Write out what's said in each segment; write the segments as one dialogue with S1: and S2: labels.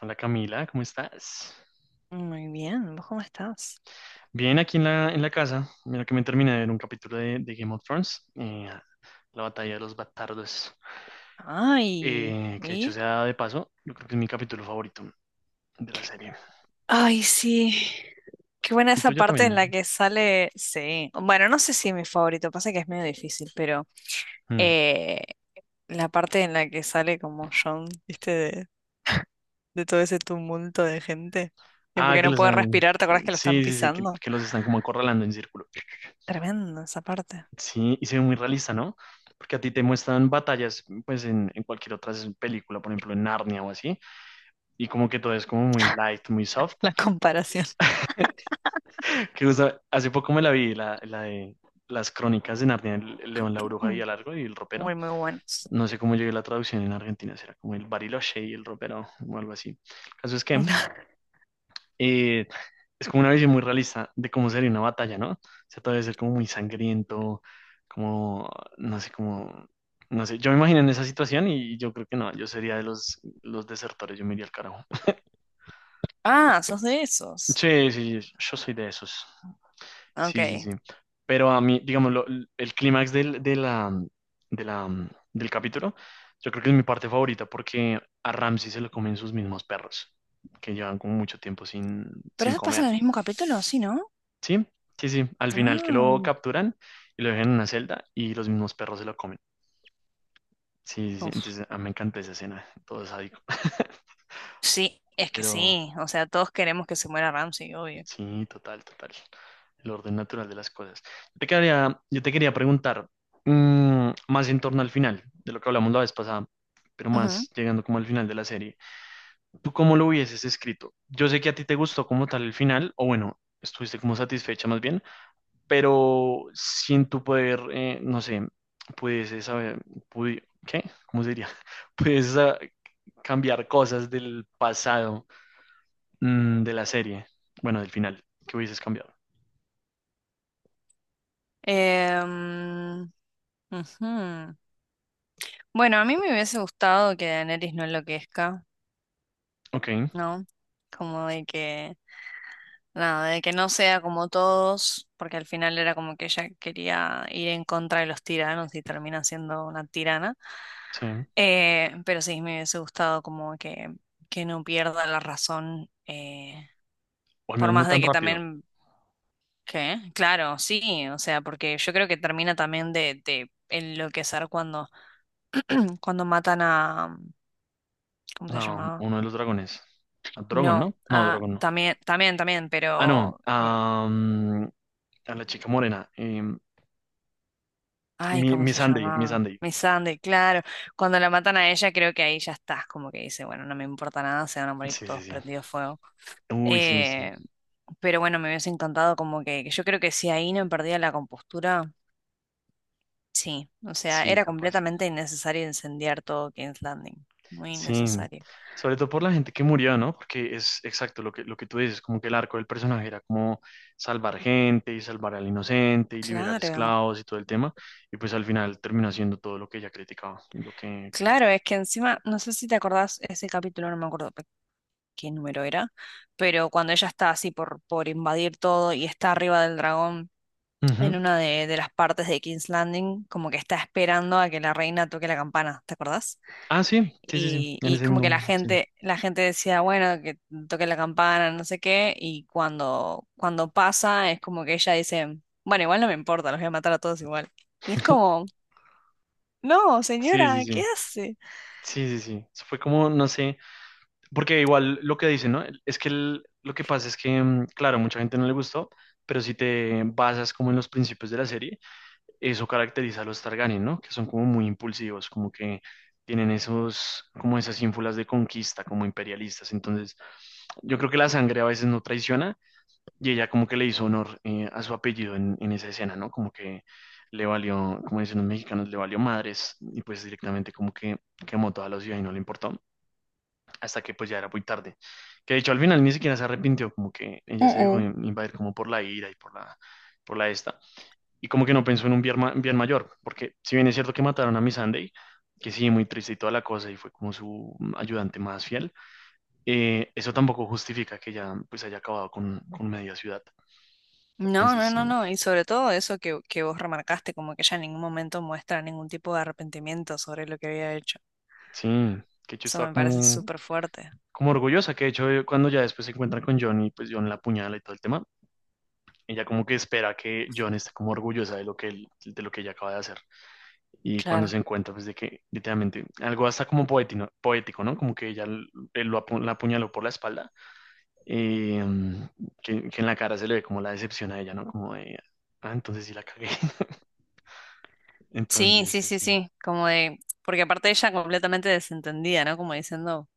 S1: Hola Camila, ¿cómo estás?
S2: Muy bien, ¿vos cómo estás?
S1: Bien, aquí en la casa. Mira que me terminé de ver un capítulo de Game of Thrones, la batalla de los bastardos,
S2: Ay,
S1: que hecho
S2: ¿y?
S1: sea de paso, yo creo que es mi capítulo favorito de la serie.
S2: Ay, sí. Qué buena
S1: El
S2: esa
S1: tuyo
S2: parte en la
S1: también.
S2: que sale. Sí. Bueno, no sé si es mi favorito, pasa que es medio difícil, pero
S1: Mm.
S2: eh, la parte en la que sale como John, ¿viste? De todo ese tumulto de gente. Y
S1: Ah,
S2: porque
S1: que
S2: no
S1: los...
S2: puede
S1: ah,
S2: respirar, ¿te acuerdas que lo están
S1: sí, sí, sí, que,
S2: pisando?
S1: que los están como acorralando en círculo.
S2: Tremenda esa parte.
S1: Sí, y se ve muy realista, ¿no? Porque a ti te muestran batallas, pues en cualquier otra película, por ejemplo en Narnia o así, y como que todo es como muy light, muy soft.
S2: La comparación.
S1: Que justo hace poco me la vi, la de las crónicas de Narnia, el león, la bruja y
S2: Mm.
S1: el largo y el ropero.
S2: Muy, muy buenos.
S1: No sé cómo llegué a la traducción en Argentina, será como el Bariloche y el ropero o algo así. El caso es que eh, es como una visión muy realista de cómo sería una batalla, ¿no? O sea, todo debe ser como muy sangriento, como, no sé, como, no sé. Yo me imagino en esa situación y yo creo que no, yo sería de los desertores, yo me iría al carajo.
S2: Ah, sos de esos.
S1: Sí, sí, yo soy de esos. Sí, sí,
S2: Ok.
S1: sí. Pero a mí, digamos, el clímax del capítulo, yo creo que es mi parte favorita porque a Ramsey se lo comen sus mismos perros, que llevan como mucho tiempo
S2: ¿Pero
S1: sin
S2: eso pasa en
S1: comer.
S2: el mismo capítulo? Sí, ¿no?
S1: Sí, sí, sí. Al final que lo
S2: Ah.
S1: capturan y lo dejan en una celda y los mismos perros se lo comen. Sí, sí, sí.
S2: Uf,
S1: Entonces, a mí me encanta esa escena, todo sádico.
S2: sí, es que
S1: Pero,
S2: sí. O sea, todos queremos que se muera Ramsey, obvio.
S1: sí, total, total. El orden natural de las cosas. Yo te quería preguntar más en torno al final de lo que hablamos la vez pasada, pero
S2: Ujú.
S1: más llegando como al final de la serie. ¿Tú cómo lo hubieses escrito? Yo sé que a ti te gustó como tal el final, o bueno, estuviste como satisfecha más bien, pero sin tu poder, no sé, pudieses saber, pudi- ¿qué? ¿Cómo se diría? Pudieses cambiar cosas del pasado, de la serie, bueno, del final, que hubieses cambiado.
S2: Em, ujú. Bueno, a mí me hubiese gustado que Daenerys no enloquezca,
S1: Ok,
S2: ¿no? Como de que, nada, de que no sea como todos, porque al final era como que ella quería ir en contra de los tiranos y termina siendo una tirana.
S1: sí.
S2: Pero sí, me hubiese gustado como que no pierda la razón,
S1: O al
S2: por
S1: menos no
S2: más de
S1: tan
S2: que
S1: rápido.
S2: también ¿Qué? Claro, sí, o sea, porque yo creo que termina también de enloquecer cuando, cuando matan a, ¿cómo se
S1: Ah,
S2: llamaba?
S1: uno de los dragones. A Drogon, ¿no?
S2: No,
S1: No,
S2: ah,
S1: Drogon no.
S2: también, también, también,
S1: Ah, no.
S2: pero,
S1: ah, mm, A la chica morena.
S2: ay,
S1: Mi,
S2: ¿cómo
S1: mi
S2: se
S1: Sunday, mi
S2: llamaba?
S1: Sunday.
S2: Miss Sunday, claro, cuando la matan a ella creo que ahí ya estás, como que dice, bueno, no me importa nada, se van a morir
S1: Sí, sí,
S2: todos
S1: sí.
S2: prendidos fuego.
S1: Uy, sí, sí.
S2: Eh, pero bueno, me hubiese encantado como que yo creo que si ahí no perdía la compostura. Sí, o sea,
S1: Sí,
S2: era
S1: capaz.
S2: completamente innecesario incendiar todo King's Landing. Muy
S1: Sí.
S2: innecesario.
S1: Sobre todo por la gente que murió, ¿no? Porque es exacto lo que tú dices, como que el arco del personaje era como salvar gente y salvar al inocente y liberar
S2: Claro,
S1: esclavos y todo el tema. Y pues al final terminó haciendo todo lo que ella criticaba, y lo que quería.
S2: claro, es que encima, no sé si te acordás ese capítulo, no me acuerdo qué número era, pero cuando ella está así por invadir todo y está arriba del dragón, en una de las partes de King's Landing, como que está esperando a que la reina toque la campana, ¿te acordás?
S1: Ah, sí, sí, sí, sí, en
S2: Y
S1: ese
S2: como que
S1: mismo, sí.
S2: la gente decía, bueno, que toque la campana, no sé qué, y cuando, cuando pasa es como que ella dice, bueno, igual no me importa, los voy a matar a todos igual. Y es como, no,
S1: Sí, sí,
S2: señora,
S1: sí,
S2: ¿qué hace?
S1: sí, sí, sí. Eso fue como, no sé, porque igual lo que dicen, ¿no? Es que lo que pasa es que, mm, claro, mucha gente no le gustó, pero si te basas como en los principios de la serie, eso caracteriza a los Targaryen, ¿no? Que son como muy impulsivos, como que tienen esos, como esas ínfulas de conquista, como imperialistas. Entonces, yo creo que la sangre a veces no traiciona. Y ella como que le hizo honor a su apellido en esa escena, ¿no? Como que le valió, como dicen los mexicanos, le valió madres y pues directamente como que quemó toda la ciudad y no le importó, hasta que pues ya era muy tarde. Que de hecho al final ni siquiera se arrepintió, como que ella se dejó invadir como por la ira y por la esta. Y como que no pensó en un bien, bien mayor, porque si bien es cierto que mataron a Miss Sunday, que sí, muy triste y toda la cosa, y fue como su ayudante más fiel, eso tampoco justifica que ella pues haya acabado con media ciudad.
S2: No, no,
S1: Entonces,
S2: no, no, y sobre todo eso que vos remarcaste, como que ella en ningún momento muestra ningún tipo de arrepentimiento sobre lo que había hecho.
S1: sí, que yo
S2: Eso
S1: estaba
S2: me parece
S1: como,
S2: súper fuerte.
S1: como orgullosa, que de hecho cuando ya después se encuentran con John y pues John la apuñala y todo el tema, ella como que espera que John esté como orgullosa de lo que de lo que ella acaba de hacer. Y cuando se
S2: Claro.
S1: encuentra pues de que literalmente algo hasta como poético, ¿no? Como que él la apuñaló por la espalda, eh, mm, que en la cara se le ve como la decepción a ella, ¿no? Como de, ah, entonces sí la cagué.
S2: Sí,
S1: Entonces,
S2: sí,
S1: sí,
S2: sí,
S1: sí,
S2: sí, como de, porque aparte ella completamente desentendida, ¿no? Como diciendo,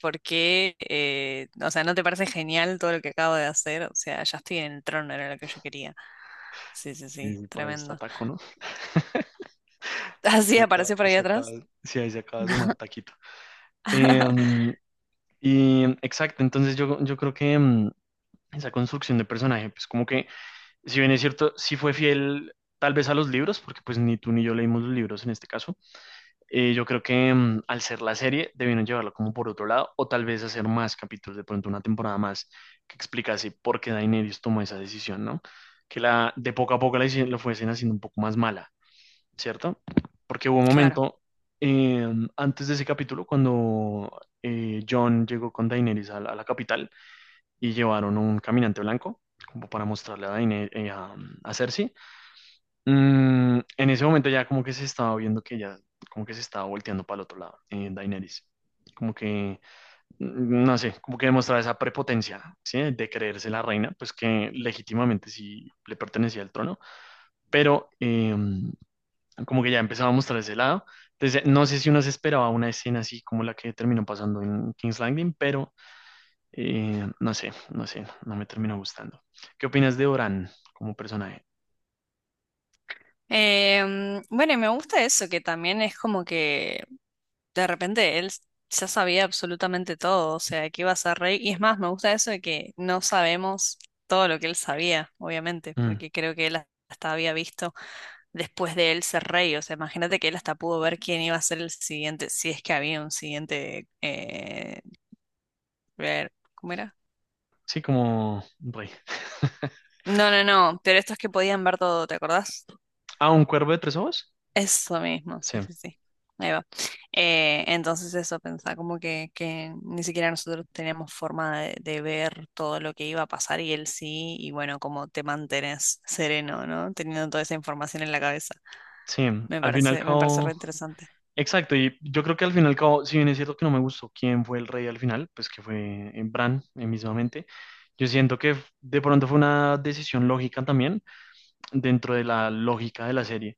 S2: ¿por qué? O sea, ¿no te parece genial todo lo que acabo de hacer? O sea, ya estoy en el trono, era lo que yo quería. Sí, sí,
S1: sí,
S2: sí,
S1: sí, por ahí está
S2: tremendo.
S1: Taco, ¿no?
S2: Así
S1: Se acaba,
S2: apareció por ahí
S1: se acaba,
S2: atrás.
S1: sí, ahí se acaba de sumar Taquito. Em, exacto, entonces yo creo que esa construcción de personaje, pues como que, si bien es cierto, sí fue fiel tal vez a los libros, porque pues ni tú ni yo leímos los libros en este caso, yo creo que al ser la serie debieron llevarlo como por otro lado, o tal vez hacer más capítulos, de pronto una temporada más que explicase por qué Daenerys tomó esa decisión, ¿no? Que la, de poco a poco lo fuesen haciendo un poco más mala, ¿cierto? Porque hubo un
S2: Claro.
S1: momento eh, antes de ese capítulo cuando John llegó con Daenerys a a la capital y llevaron un caminante blanco como para mostrarle a Daenerys, a Cersei. Mm, en ese momento ya como que se estaba viendo que ya como que se estaba volteando para el otro lado, Daenerys. Como que, mm, no sé, como que demostraba esa prepotencia, ¿sí? De creerse la reina, pues que legítimamente sí le pertenecía al trono, pero como que ya empezábamos por ese lado. Entonces, no sé si uno se esperaba una escena así como la que terminó pasando en King's Landing, pero no sé, no me terminó gustando. ¿Qué opinas de Oran como personaje?
S2: Bueno, y me gusta eso, que también es como que de repente él ya sabía absolutamente todo, o sea, que iba a ser rey. Y es más, me gusta eso de que no sabemos todo lo que él sabía, obviamente,
S1: Mm,
S2: porque creo que él hasta había visto después de él ser rey. O sea, imagínate que él hasta pudo ver quién iba a ser el siguiente, si es que había un siguiente... ver, ¿cómo era?
S1: sí, como un rey.
S2: No, no, no, pero estos que podían ver todo, ¿te acordás?
S1: Ah, un cuervo de tres ojos.
S2: Eso mismo,
S1: Sí,
S2: sí, sí, sí. Ahí va. Entonces eso, pensaba como que ni siquiera nosotros teníamos forma de ver todo lo que iba a pasar y él sí, y bueno, como te mantenés sereno, ¿no? Teniendo toda esa información en la cabeza.
S1: sí, al fin y al
S2: Me parece re
S1: cabo.
S2: interesante.
S1: Exacto, y yo creo que al fin y al cabo, si bien es cierto que no me gustó quién fue el rey al final, pues que fue Bran, mismamente, yo siento que de pronto fue una decisión lógica también, dentro de la lógica de la serie,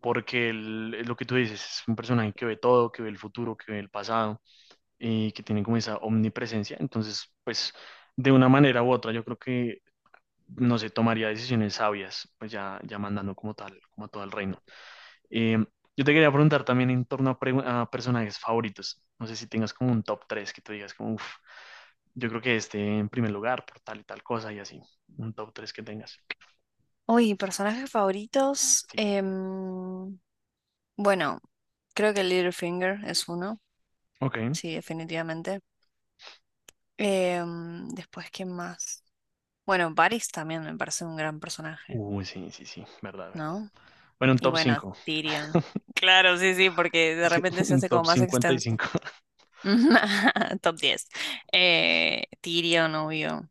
S1: porque lo que tú dices es un personaje que ve todo, que ve el futuro, que ve el pasado y que tiene como esa omnipresencia. Entonces, pues de una manera u otra, yo creo que no se tomaría decisiones sabias, pues ya, ya mandando como tal, como a todo el reino. Eh, yo te quería preguntar también en torno a, a personajes favoritos. No sé si tengas como un top 3 que tú digas como, uff, yo creo que este en primer lugar por tal y tal cosa y así. Un top 3 que tengas.
S2: Uy, personajes favoritos.
S1: Sí.
S2: Bueno, creo que Littlefinger es uno,
S1: Ok.
S2: sí, definitivamente. Después, ¿quién más? Bueno, Varys también me parece un gran personaje,
S1: Uy, sí, sí, sí, verdad, verdad.
S2: ¿no?
S1: Bueno, un
S2: Y
S1: top
S2: bueno,
S1: 5,
S2: Tyrion. Claro, sí, sí, porque de repente se
S1: un
S2: hace como
S1: top
S2: más extenso.
S1: 55.
S2: Top 10. Tyrion, obvio.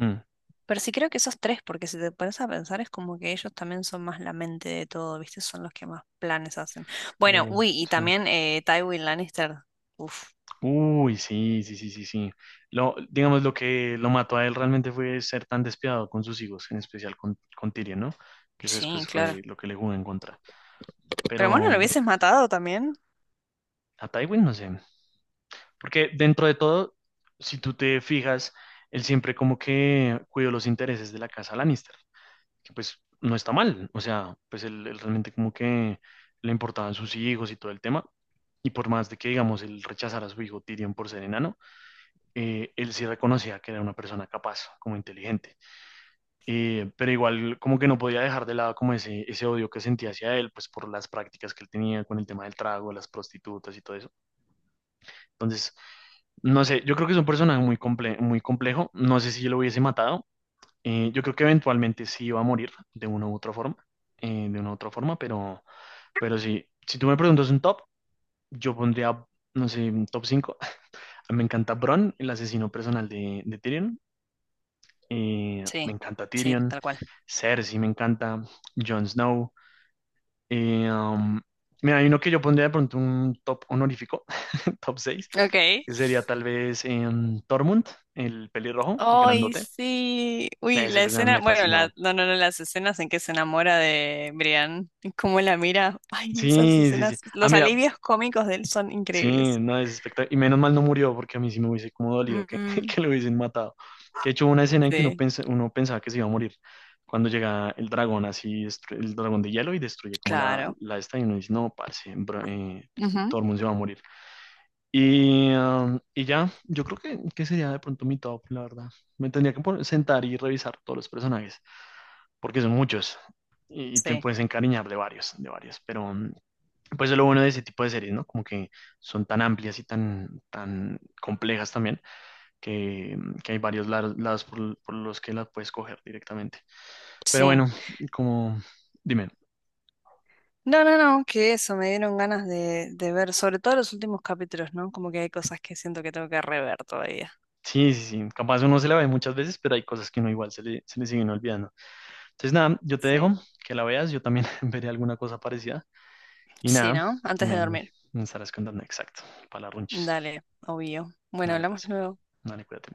S1: Mm,
S2: Pero sí creo que esos tres, porque si te pones a pensar, es como que ellos también son más la mente de todo, ¿viste? Son los que más planes hacen. Bueno,
S1: lo-
S2: uy, y
S1: sí.
S2: también Tywin Lannister. Uf,
S1: Uy, sí, sí, sí, sí, sí. Lo, digamos, lo que lo mató a él realmente fue ser tan despiadado con sus hijos, en especial con Tyrion, ¿no? Que eso
S2: sí,
S1: después
S2: claro.
S1: fue lo que le jugó en contra.
S2: Pero bueno, lo
S1: Pero
S2: hubieses matado también.
S1: a Tywin no sé. Porque dentro de todo, si tú te fijas, él siempre como que cuidó los intereses de la casa Lannister, que pues no está mal, o sea, pues él realmente como que le importaban sus hijos y todo el tema, y por más de que, digamos, él rechazara a su hijo Tyrion por ser enano, él sí reconocía que era una persona capaz, como inteligente. Pero igual como que no podía dejar de lado como ese odio que sentía hacia él, pues por las prácticas que él tenía con el tema del trago, las prostitutas y todo eso. Entonces, no sé, yo creo que es un personaje muy complejo, no sé si yo lo hubiese matado, yo creo que eventualmente sí iba a morir de una u otra forma, eh, de una u otra forma, pero, pero sí, si tú me preguntas un top, yo pondría, no sé, un top cinco. Me encanta Bronn, el asesino personal de Tyrion. Me
S2: Sí,
S1: encanta
S2: sí,
S1: Tyrion.
S2: tal cual.
S1: Cersei me encanta. Jon Snow. Eh, um, mira, hay uno que yo pondría de pronto un top honorífico, top seis,
S2: Ok.
S1: que sería tal vez Tormund, el pelirrojo, el
S2: Ay,
S1: grandote.
S2: sí. Uy,
S1: Ese
S2: la
S1: personaje me
S2: escena, bueno, la,
S1: fascinó.
S2: no, no, no, las escenas en que se enamora de Brian, y cómo la mira. Ay, esas
S1: Sí, sí, sí.
S2: escenas,
S1: Ah,
S2: los
S1: mira,
S2: alivios cómicos de él son
S1: sí,
S2: increíbles.
S1: no, es espectacular. Y menos mal no murió, porque a mí sí me hubiese como dolido que,
S2: Mm,
S1: que lo hubiesen matado. Que de hecho hubo una escena en que
S2: sí,
S1: uno pensaba que se iba a morir. Cuando llega el dragón, así, el dragón de hielo y destruye como
S2: claro.
S1: la esta, y uno dice, no, parce, bro,
S2: Ujú.
S1: Tormund se va a morir. Y, y ya, yo creo que sería de pronto mi top, la verdad. Me tendría que sentar y revisar todos los personajes, porque son muchos. Y te
S2: Sí,
S1: puedes encariñar de varios, de varios. Pero, mm, pues es lo bueno de ese tipo de series, ¿no? Como que son tan amplias y tan, tan complejas también, que, que hay varios lados, lados por los que las puedes coger directamente. Pero
S2: sí.
S1: bueno, como, dime,
S2: No, no, no, que eso, me dieron ganas de ver, sobre todo los últimos capítulos, ¿no? Como que hay cosas que siento que tengo que rever todavía.
S1: sí, sí, sí, capaz uno se la ve muchas veces, pero hay cosas que uno igual se le siguen olvidando. Entonces nada, yo te dejo
S2: Sí.
S1: que la veas, yo también veré alguna cosa parecida. Y
S2: Sí,
S1: nada,
S2: ¿no? Antes de dormir.
S1: me estarás contando exacto, para las runchis.
S2: Dale, obvio. Bueno,
S1: Dale
S2: hablamos
S1: pues,
S2: luego.
S1: dale, cuídate.